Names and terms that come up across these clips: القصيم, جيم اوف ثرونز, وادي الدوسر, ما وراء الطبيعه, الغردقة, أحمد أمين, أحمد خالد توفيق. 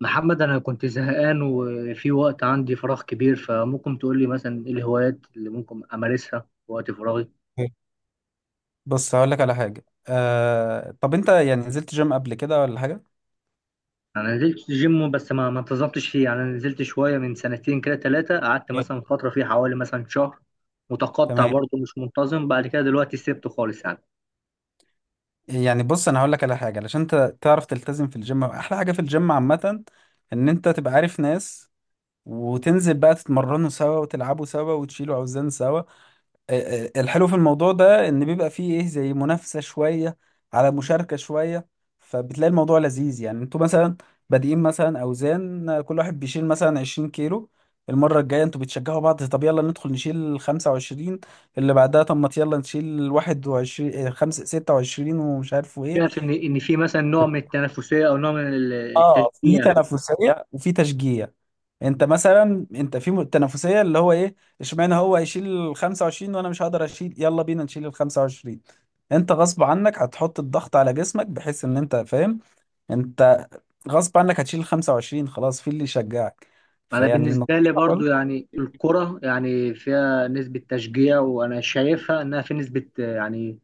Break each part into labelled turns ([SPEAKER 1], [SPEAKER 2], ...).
[SPEAKER 1] محمد، أنا كنت زهقان وفي وقت عندي فراغ كبير، فممكن تقول لي مثلا إيه الهوايات اللي ممكن أمارسها في وقت فراغي؟
[SPEAKER 2] بص، هقول لك على حاجة. طب انت يعني نزلت جيم قبل كده ولا حاجة؟
[SPEAKER 1] أنا نزلت جيم بس ما انتظمتش فيه. يعني أنا نزلت شوية من سنتين كده ثلاثة، قعدت
[SPEAKER 2] أيوة.
[SPEAKER 1] مثلا فترة فيه حوالي مثلا شهر متقطع
[SPEAKER 2] تمام.
[SPEAKER 1] برضه، مش منتظم. بعد كده دلوقتي سبته خالص يعني.
[SPEAKER 2] يعني بص، انا هقول لك على حاجه علشان انت تعرف تلتزم في الجيم. احلى حاجه في الجيم عامه ان انت تبقى عارف ناس، وتنزل بقى تتمرنوا سوا وتلعبوا سوا وتشيلوا اوزان سوا. الحلو في الموضوع ده ان بيبقى فيه ايه زي منافسة شوية، على مشاركة شوية. فبتلاقي الموضوع لذيذ. يعني انتوا مثلا بادئين مثلا اوزان، كل واحد بيشيل مثلا 20 كيلو. المرة الجاية انتوا بتشجعوا بعض، طب يلا ندخل نشيل 25. اللي بعدها طب ما يلا نشيل 21 خمسة 26 ومش عارف ايه.
[SPEAKER 1] شايف إن في مثلا نوع من التنافسية أو نوع من
[SPEAKER 2] اه، في
[SPEAKER 1] التشجيع في.
[SPEAKER 2] تنافسية وفي تشجيع. انت مثلا تنافسيه اللي هو ايه اشمعنى هو هيشيل ال 25 وانا مش هقدر اشيل، يلا بينا نشيل ال 25. انت غصب عنك هتحط الضغط على جسمك، بحيث ان انت فاهم. انت غصب عنك هتشيل ال 25، خلاص في اللي يشجعك.
[SPEAKER 1] انا
[SPEAKER 2] فيعني
[SPEAKER 1] بالنسبه لي
[SPEAKER 2] نصيحه
[SPEAKER 1] برضو
[SPEAKER 2] برضه.
[SPEAKER 1] يعني الكره يعني فيها نسبه تشجيع، وانا شايفها انها في نسبه، يعني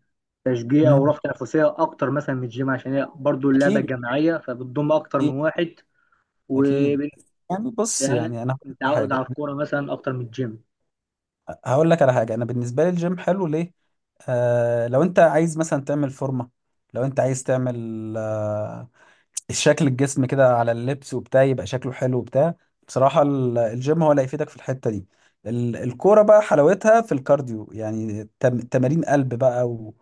[SPEAKER 1] تشجيع
[SPEAKER 2] مم.
[SPEAKER 1] وروح تنافسيه اكتر مثلا من الجيم، عشان هي برضو اللعبه
[SPEAKER 2] اكيد،
[SPEAKER 1] الجماعيه فبتضم اكتر
[SPEAKER 2] اكيد،
[SPEAKER 1] من واحد. و
[SPEAKER 2] اكيد. يعني بص
[SPEAKER 1] يعني
[SPEAKER 2] يعني انا هقول لك على
[SPEAKER 1] متعود
[SPEAKER 2] حاجه.
[SPEAKER 1] على الكوره مثلا اكتر من الجيم.
[SPEAKER 2] انا بالنسبه لي الجيم حلو ليه. لو انت عايز مثلا تعمل فورمه، لو انت عايز تعمل آه، شكل الجسم كده على اللبس وبتاع، يبقى شكله حلو وبتاع. بصراحة الجيم هو اللي هيفيدك في الحتة دي. الكورة بقى حلاوتها في الكارديو. يعني تمارين قلب بقى، و...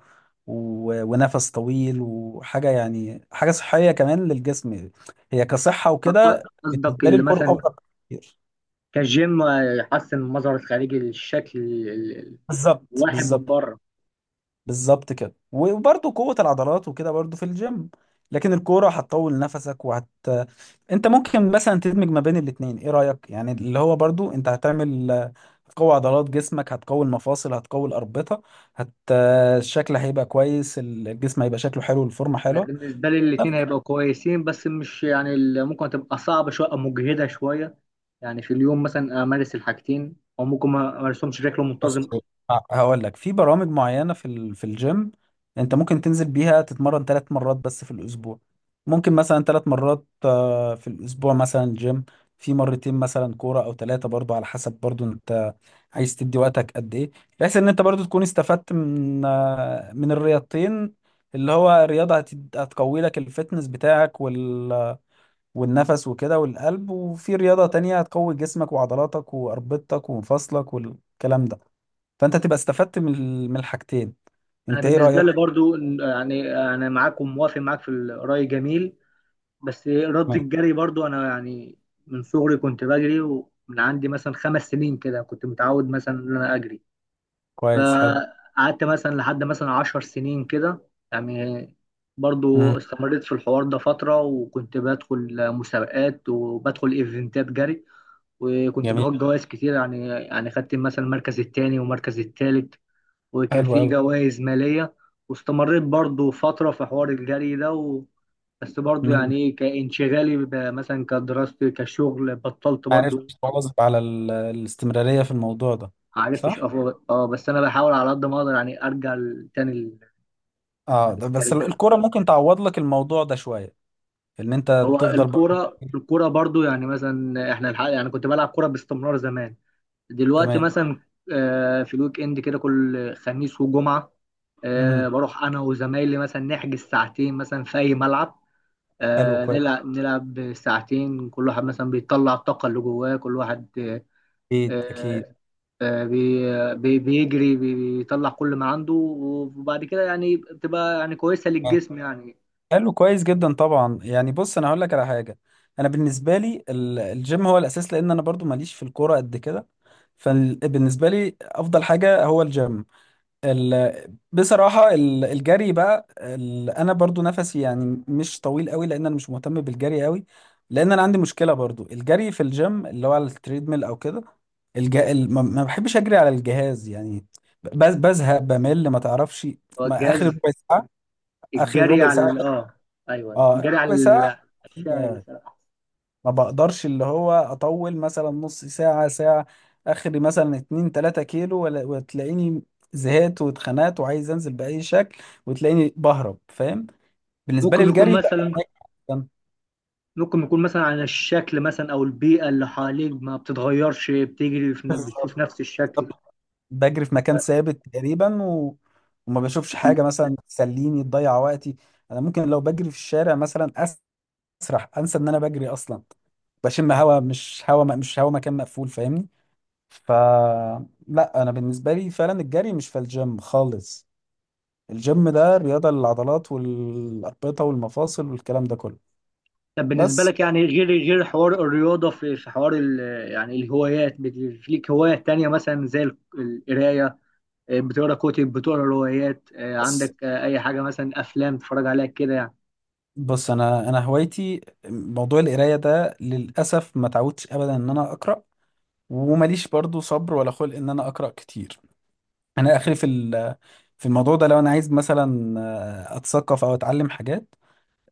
[SPEAKER 2] و... ونفس طويل وحاجة، يعني حاجة صحية كمان للجسم. هي كصحة وكده
[SPEAKER 1] قصدك
[SPEAKER 2] بالنسبة لي
[SPEAKER 1] اللي
[SPEAKER 2] الكورة
[SPEAKER 1] مثلا
[SPEAKER 2] أفضل كتير.
[SPEAKER 1] كجيم يحسن المظهر الخارجي للشكل ال-
[SPEAKER 2] بالظبط،
[SPEAKER 1] الواحد من
[SPEAKER 2] بالظبط.
[SPEAKER 1] بره.
[SPEAKER 2] بالظبط كده، وبرضه قوة العضلات وكده برضه في الجيم. لكن الكورة هتطول نفسك انت ممكن مثلا تدمج ما بين الاتنين، ايه رأيك؟ يعني اللي هو برضو انت هتعمل، هتقوي عضلات جسمك، هتقوي المفاصل، هتقوي الأربطة هت الشكل هيبقى كويس، الجسم هيبقى شكله حلو، الفورمة
[SPEAKER 1] انا
[SPEAKER 2] حلوة.
[SPEAKER 1] بالنسبه لي الاثنين هيبقوا كويسين، بس مش يعني ممكن تبقى صعبه شويه او مجهده شويه. يعني في اليوم مثلا امارس الحاجتين او ممكن ما امارسهمش بشكل
[SPEAKER 2] بص،
[SPEAKER 1] منتظم.
[SPEAKER 2] هقول لك في برامج معينة في في الجيم. انت ممكن تنزل بيها تتمرن ثلاث مرات بس في الاسبوع. ممكن مثلا ثلاث مرات في الاسبوع مثلا جيم، في مرتين مثلا كورة او ثلاثة، برضو على حسب برضو انت عايز تدي وقتك قد ايه. بحيث ان انت برضو تكون استفدت من الرياضتين. اللي هو رياضة هتقوي لك الفتنس بتاعك والنفس وكده والقلب، وفي رياضة تانية هتقوي جسمك وعضلاتك وأربطتك ومفاصلك والكلام ده. فانت تبقى استفدت من من الحاجتين.
[SPEAKER 1] انا
[SPEAKER 2] انت ايه
[SPEAKER 1] بالنسبه
[SPEAKER 2] رأيك؟
[SPEAKER 1] لي برضو، يعني انا معاك وموافق معاك في الراي، جميل. بس رد
[SPEAKER 2] تمام.
[SPEAKER 1] الجري برضو، انا يعني من صغري كنت بجري، ومن عندي مثلا 5 سنين كده كنت متعود مثلا ان انا اجري.
[SPEAKER 2] كويس، حلو.
[SPEAKER 1] فقعدت مثلا لحد مثلا 10 سنين كده يعني،
[SPEAKER 2] مم.
[SPEAKER 1] برضو استمريت في الحوار ده فترة، وكنت بدخل مسابقات وبدخل ايفنتات جري، وكنت
[SPEAKER 2] جميل.
[SPEAKER 1] باخد جوائز كتير، يعني خدت مثلا المركز التاني والمركز التالت، وكان
[SPEAKER 2] حلو
[SPEAKER 1] في
[SPEAKER 2] قوي.
[SPEAKER 1] جوائز مالية. واستمريت برضو فترة في حوار الجري ده بس برضو، يعني ايه، كانشغالي مثلا كدراستي كشغل بطلت
[SPEAKER 2] عرفت
[SPEAKER 1] برضو.
[SPEAKER 2] تواظب على الاستمرارية في الموضوع ده؟
[SPEAKER 1] معرفتش،
[SPEAKER 2] صح.
[SPEAKER 1] بس انا بحاول على قد ما اقدر يعني ارجع تاني.
[SPEAKER 2] اه، ده بس
[SPEAKER 1] بنتكلم كده.
[SPEAKER 2] الكرة ممكن تعوض لك الموضوع ده شوية، ان انت
[SPEAKER 1] هو
[SPEAKER 2] بتفضل برضه.
[SPEAKER 1] الكوره الكوره برضو يعني، مثلا احنا الحق، يعني كنت بلعب كوره باستمرار زمان. دلوقتي
[SPEAKER 2] تمام.
[SPEAKER 1] مثلا في الويك اند كده كل خميس وجمعه،
[SPEAKER 2] مم.
[SPEAKER 1] بروح انا وزمايلي مثلا نحجز ساعتين مثلا في اي ملعب،
[SPEAKER 2] حلو، كويس.
[SPEAKER 1] نلعب نلعب ساعتين. كل واحد مثلا بيطلع الطاقه اللي جواه، كل واحد
[SPEAKER 2] اكيد، اكيد.
[SPEAKER 1] آه، بيجري بيطلع كل ما عنده، وبعد كده يعني بتبقى يعني كويسه
[SPEAKER 2] آه.
[SPEAKER 1] للجسم يعني.
[SPEAKER 2] حلو كويس جدا طبعا. يعني بص، انا هقول لك على حاجة. انا بالنسبة لي الجيم هو الاساس، لان انا برضو ماليش في الكورة قد كده. فبالنسبة لي افضل حاجة هو الجيم. ال... بصراحة الجري بقى أنا برضو نفسي يعني مش طويل قوي، لأن أنا مش مهتم بالجري قوي. لأن أنا عندي مشكلة برضو الجري في الجيم اللي هو على التريدميل أو كده. ما بحبش أجري على الجهاز يعني. بزهق، بمل، ما تعرفش.
[SPEAKER 1] هو
[SPEAKER 2] ما آخر
[SPEAKER 1] الجهاز،
[SPEAKER 2] ربع ساعة. آخر
[SPEAKER 1] الجري
[SPEAKER 2] ربع
[SPEAKER 1] على
[SPEAKER 2] ساعة.
[SPEAKER 1] اه، ايوه،
[SPEAKER 2] آه،
[SPEAKER 1] الجري على
[SPEAKER 2] ربع ساعة.
[SPEAKER 1] الشارع.
[SPEAKER 2] ما بقدرش اللي هو اطول مثلا نص ساعة، ساعة. اخري مثلا اتنين تلاتة كيلو ولا، وتلاقيني زهقت واتخنقت وعايز انزل بأي شكل، وتلاقيني بهرب، فاهم؟ بالنسبة لي
[SPEAKER 1] ممكن يكون
[SPEAKER 2] الجري لا.
[SPEAKER 1] مثلا
[SPEAKER 2] أنا
[SPEAKER 1] ممكن يكون مثلا عن الشكل مثلا او البيئه اللي حواليك ما بتتغيرش، بتجري في بتشوف
[SPEAKER 2] بالظبط
[SPEAKER 1] نفس الشكل.
[SPEAKER 2] بجري في مكان ثابت تقريبا، وما بشوفش حاجة مثلا تسليني، تضيع وقتي. انا ممكن لو بجري في الشارع مثلا اسرح، انسى ان انا بجري اصلا. بشم هوا، مش هوا مكان مقفول، فاهمني؟ ف لا، انا بالنسبه لي فعلا الجري مش في الجيم خالص. الجيم ده رياضه للعضلات والاربطه والمفاصل والكلام ده كله.
[SPEAKER 1] طب بالنسبه
[SPEAKER 2] بس
[SPEAKER 1] لك يعني، غير حوار الرياضه، في حوار يعني الهوايات في ليك هوايات تانية مثلا زي القرايه؟ بتقرا كتب، بتقرا روايات،
[SPEAKER 2] بص،
[SPEAKER 1] عندك اي حاجه مثلا، افلام تتفرج عليها كده يعني؟
[SPEAKER 2] بص، انا هوايتي موضوع القرايه ده، للاسف ما تعودتش ابدا ان انا اقرا. ومليش برضو صبر ولا خلق ان انا اقرا كتير. انا اخري في في الموضوع ده، لو انا عايز مثلا اتثقف او اتعلم حاجات،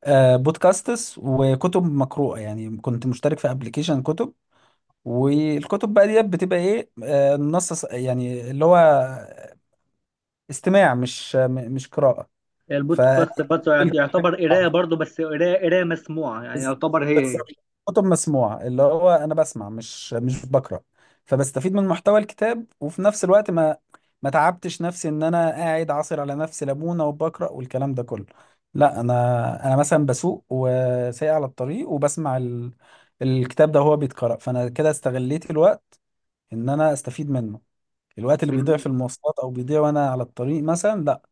[SPEAKER 2] بودكاستس وكتب مقروءه. يعني كنت مشترك في ابلكيشن كتب، والكتب بقى ديت بتبقى ايه النص يعني اللي هو استماع، مش قراءة. ف
[SPEAKER 1] البودكاست برضه يعتبر قرايه برضه، بس قرايه قرايه مسموعه، يعني يعتبر هي هي.
[SPEAKER 2] بالظبط. كتب مسموعة، اللي هو انا بسمع، مش بقرأ. فبستفيد من محتوى الكتاب، وفي نفس الوقت ما تعبتش نفسي ان انا قاعد عاصر على نفسي ليمونة وبقرأ والكلام ده كله. لا، انا مثلا بسوق وسايق على الطريق، وبسمع الكتاب ده وهو بيتقرأ. فانا كده استغليت الوقت ان انا استفيد منه. الوقت اللي بيضيع
[SPEAKER 1] بن...
[SPEAKER 2] في المواصلات، او بيضيع وانا على الطريق مثلا، لا،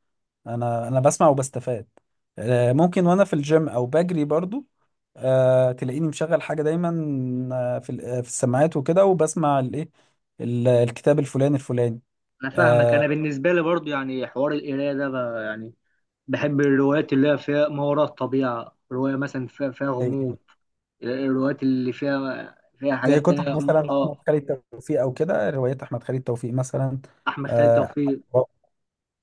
[SPEAKER 2] انا بسمع وبستفاد. ممكن وانا في الجيم او بجري برضو، تلاقيني مشغل حاجة دايما في في السماعات وكده، وبسمع الايه، الكتاب الفلاني الفلاني.
[SPEAKER 1] انا فاهمك.
[SPEAKER 2] آه،
[SPEAKER 1] انا بالنسبه لي برضو يعني حوار القرايه ده يعني بحب الروايات اللي هي فيها ما وراء الطبيعه، روايه مثلا فيها غموض،
[SPEAKER 2] زي
[SPEAKER 1] الروايات اللي فيها
[SPEAKER 2] زي
[SPEAKER 1] حاجات تانية.
[SPEAKER 2] كتب مثلا احمد
[SPEAKER 1] اه،
[SPEAKER 2] خالد توفيق او كده، روايات احمد خالد توفيق مثلا.
[SPEAKER 1] احمد خالد
[SPEAKER 2] آه،
[SPEAKER 1] توفيق.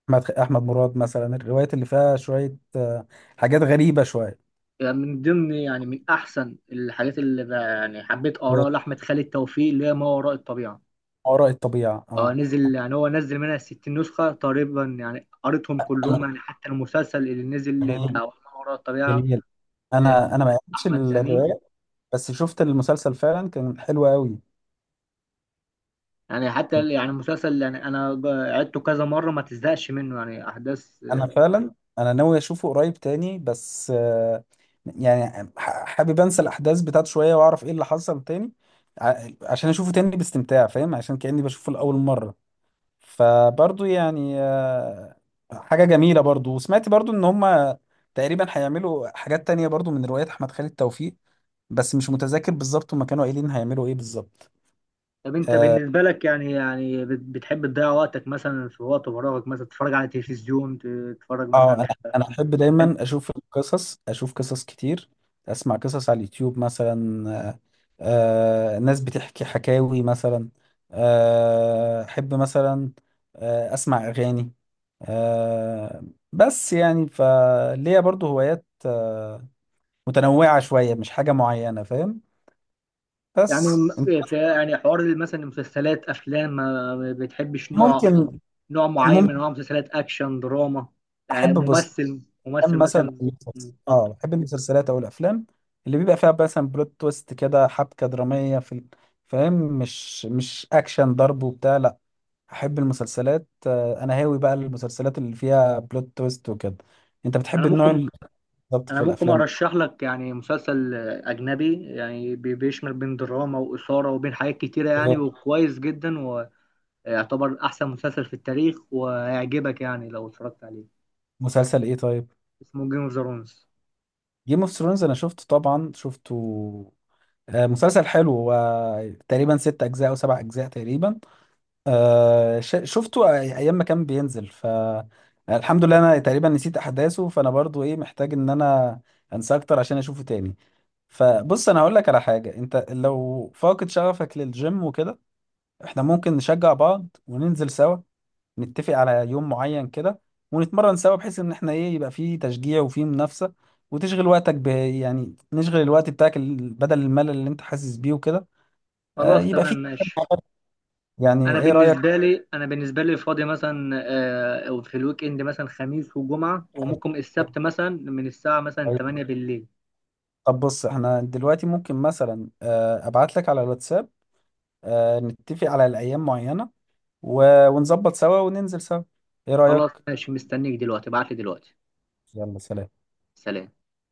[SPEAKER 2] احمد مراد مثلا، الروايات اللي فيها شوية، حاجات غريبة شوية.
[SPEAKER 1] يعني من ضمن يعني من احسن الحاجات اللي يعني حبيت
[SPEAKER 2] ما
[SPEAKER 1] اقراها لاحمد خالد توفيق اللي هي ما وراء الطبيعه.
[SPEAKER 2] وراء الطبيعة،
[SPEAKER 1] اه،
[SPEAKER 2] اه.
[SPEAKER 1] نزل يعني هو نزل منها 60 نسخه تقريبا، يعني قريتهم كلهم. يعني حتى المسلسل اللي نزل بتاع ما وراء الطبيعه،
[SPEAKER 2] جميل.
[SPEAKER 1] آه،
[SPEAKER 2] انا ما قريتش
[SPEAKER 1] احمد امين.
[SPEAKER 2] الروايه، بس شفت المسلسل فعلا كان حلو قوي.
[SPEAKER 1] يعني
[SPEAKER 2] كان
[SPEAKER 1] حتى يعني المسلسل، يعني انا عدته كذا مره ما تزهقش منه، يعني احداث.
[SPEAKER 2] انا فعلا ناوي اشوفه قريب تاني، بس يعني حابب انسى الاحداث بتاعته شويه واعرف ايه اللي حصل تاني، عشان اشوفه تاني باستمتاع، فاهم؟ عشان كاني بشوفه لاول مره. فبرضو يعني حاجه جميله برضو. وسمعت برضو ان هم تقريبا هيعملوا حاجات تانية برضو من روايات احمد خالد توفيق، بس مش متذكر بالظبط هما كانوا قايلين هيعملوا ايه بالظبط.
[SPEAKER 1] طب انت
[SPEAKER 2] آه،
[SPEAKER 1] بالنسبه لك بتحب تضيع وقتك مثلا في وقت فراغك؟ مثلا تتفرج على التلفزيون، تتفرج
[SPEAKER 2] اه،
[SPEAKER 1] مثلا
[SPEAKER 2] انا احب دايما اشوف القصص، اشوف قصص كتير، اسمع قصص على اليوتيوب مثلا. ناس بتحكي حكاوي مثلا. احب مثلا اسمع اغاني. آه بس يعني فليا برضو هوايات متنوعة شوية، مش حاجة معينة، فاهم؟
[SPEAKER 1] يعني
[SPEAKER 2] بس انت.
[SPEAKER 1] في يعني حوار مثلا المسلسلات افلام؟ ما بتحبش نوع
[SPEAKER 2] ممكن،
[SPEAKER 1] يعني، نوع معين من انواع
[SPEAKER 2] ممكن.
[SPEAKER 1] المسلسلات، اكشن، دراما، يعني
[SPEAKER 2] احب. بص،
[SPEAKER 1] ممثل ممثل
[SPEAKER 2] افلام مثلا
[SPEAKER 1] مثلا؟
[SPEAKER 2] أو
[SPEAKER 1] اتفضل.
[SPEAKER 2] بحب المسلسلات او الافلام، اللي بيبقى فيها مثلا بلوت تويست كده، حبكه دراميه في فاهم؟ مش اكشن ضرب وبتاع، لا. احب المسلسلات. انا هاوي بقى المسلسلات اللي فيها بلوت تويست وكده. انت بتحب
[SPEAKER 1] انا
[SPEAKER 2] النوع
[SPEAKER 1] ممكن
[SPEAKER 2] اللي بالظبط في
[SPEAKER 1] انا ممكن
[SPEAKER 2] الافلام.
[SPEAKER 1] ارشح لك يعني مسلسل اجنبي، يعني بيشمل بين دراما واثاره وبين حاجات كتيره يعني، وكويس جدا، ويعتبر احسن مسلسل في التاريخ، وهيعجبك يعني لو اتفرجت عليه.
[SPEAKER 2] مسلسل ايه طيب؟
[SPEAKER 1] اسمه جيم اوف ثرونز.
[SPEAKER 2] جيم اوف ثرونز، انا شفته طبعا، شفته. مسلسل حلو هو، تقريبا ست اجزاء او سبع اجزاء تقريبا. شفته ايام ما كان بينزل. الحمد لله انا تقريبا نسيت احداثه. فانا برضو ايه محتاج ان انا انساه اكتر عشان اشوفه تاني. فبص، انا هقول لك على حاجه، انت لو فاقد شغفك للجيم وكده، احنا ممكن نشجع بعض وننزل سوا، نتفق على يوم معين كده، ونتمرن سوا، بحيث ان احنا ايه يبقى فيه تشجيع وفيه منافسه. وتشغل وقتك ب، يعني نشغل الوقت بتاعك بدل الملل اللي انت حاسس بيه وكده.
[SPEAKER 1] خلاص
[SPEAKER 2] يبقى
[SPEAKER 1] تمام،
[SPEAKER 2] فيه.
[SPEAKER 1] ماشي.
[SPEAKER 2] يعني
[SPEAKER 1] انا
[SPEAKER 2] ايه رايك؟
[SPEAKER 1] بالنسبه لي انا بالنسبه لي فاضي مثلا في الويك اند مثلا خميس وجمعه وممكن السبت، مثلا من الساعه مثلا 8
[SPEAKER 2] طيب.
[SPEAKER 1] بالليل.
[SPEAKER 2] طب بص، احنا دلوقتي ممكن مثلا ابعت لك على الواتساب، نتفق على الايام معينة، ونظبط سوا وننزل سوا، ايه
[SPEAKER 1] خلاص
[SPEAKER 2] رأيك؟
[SPEAKER 1] ماشي، مستنيك دلوقتي، ابعت لي دلوقتي.
[SPEAKER 2] يلا، سلام.
[SPEAKER 1] سلام.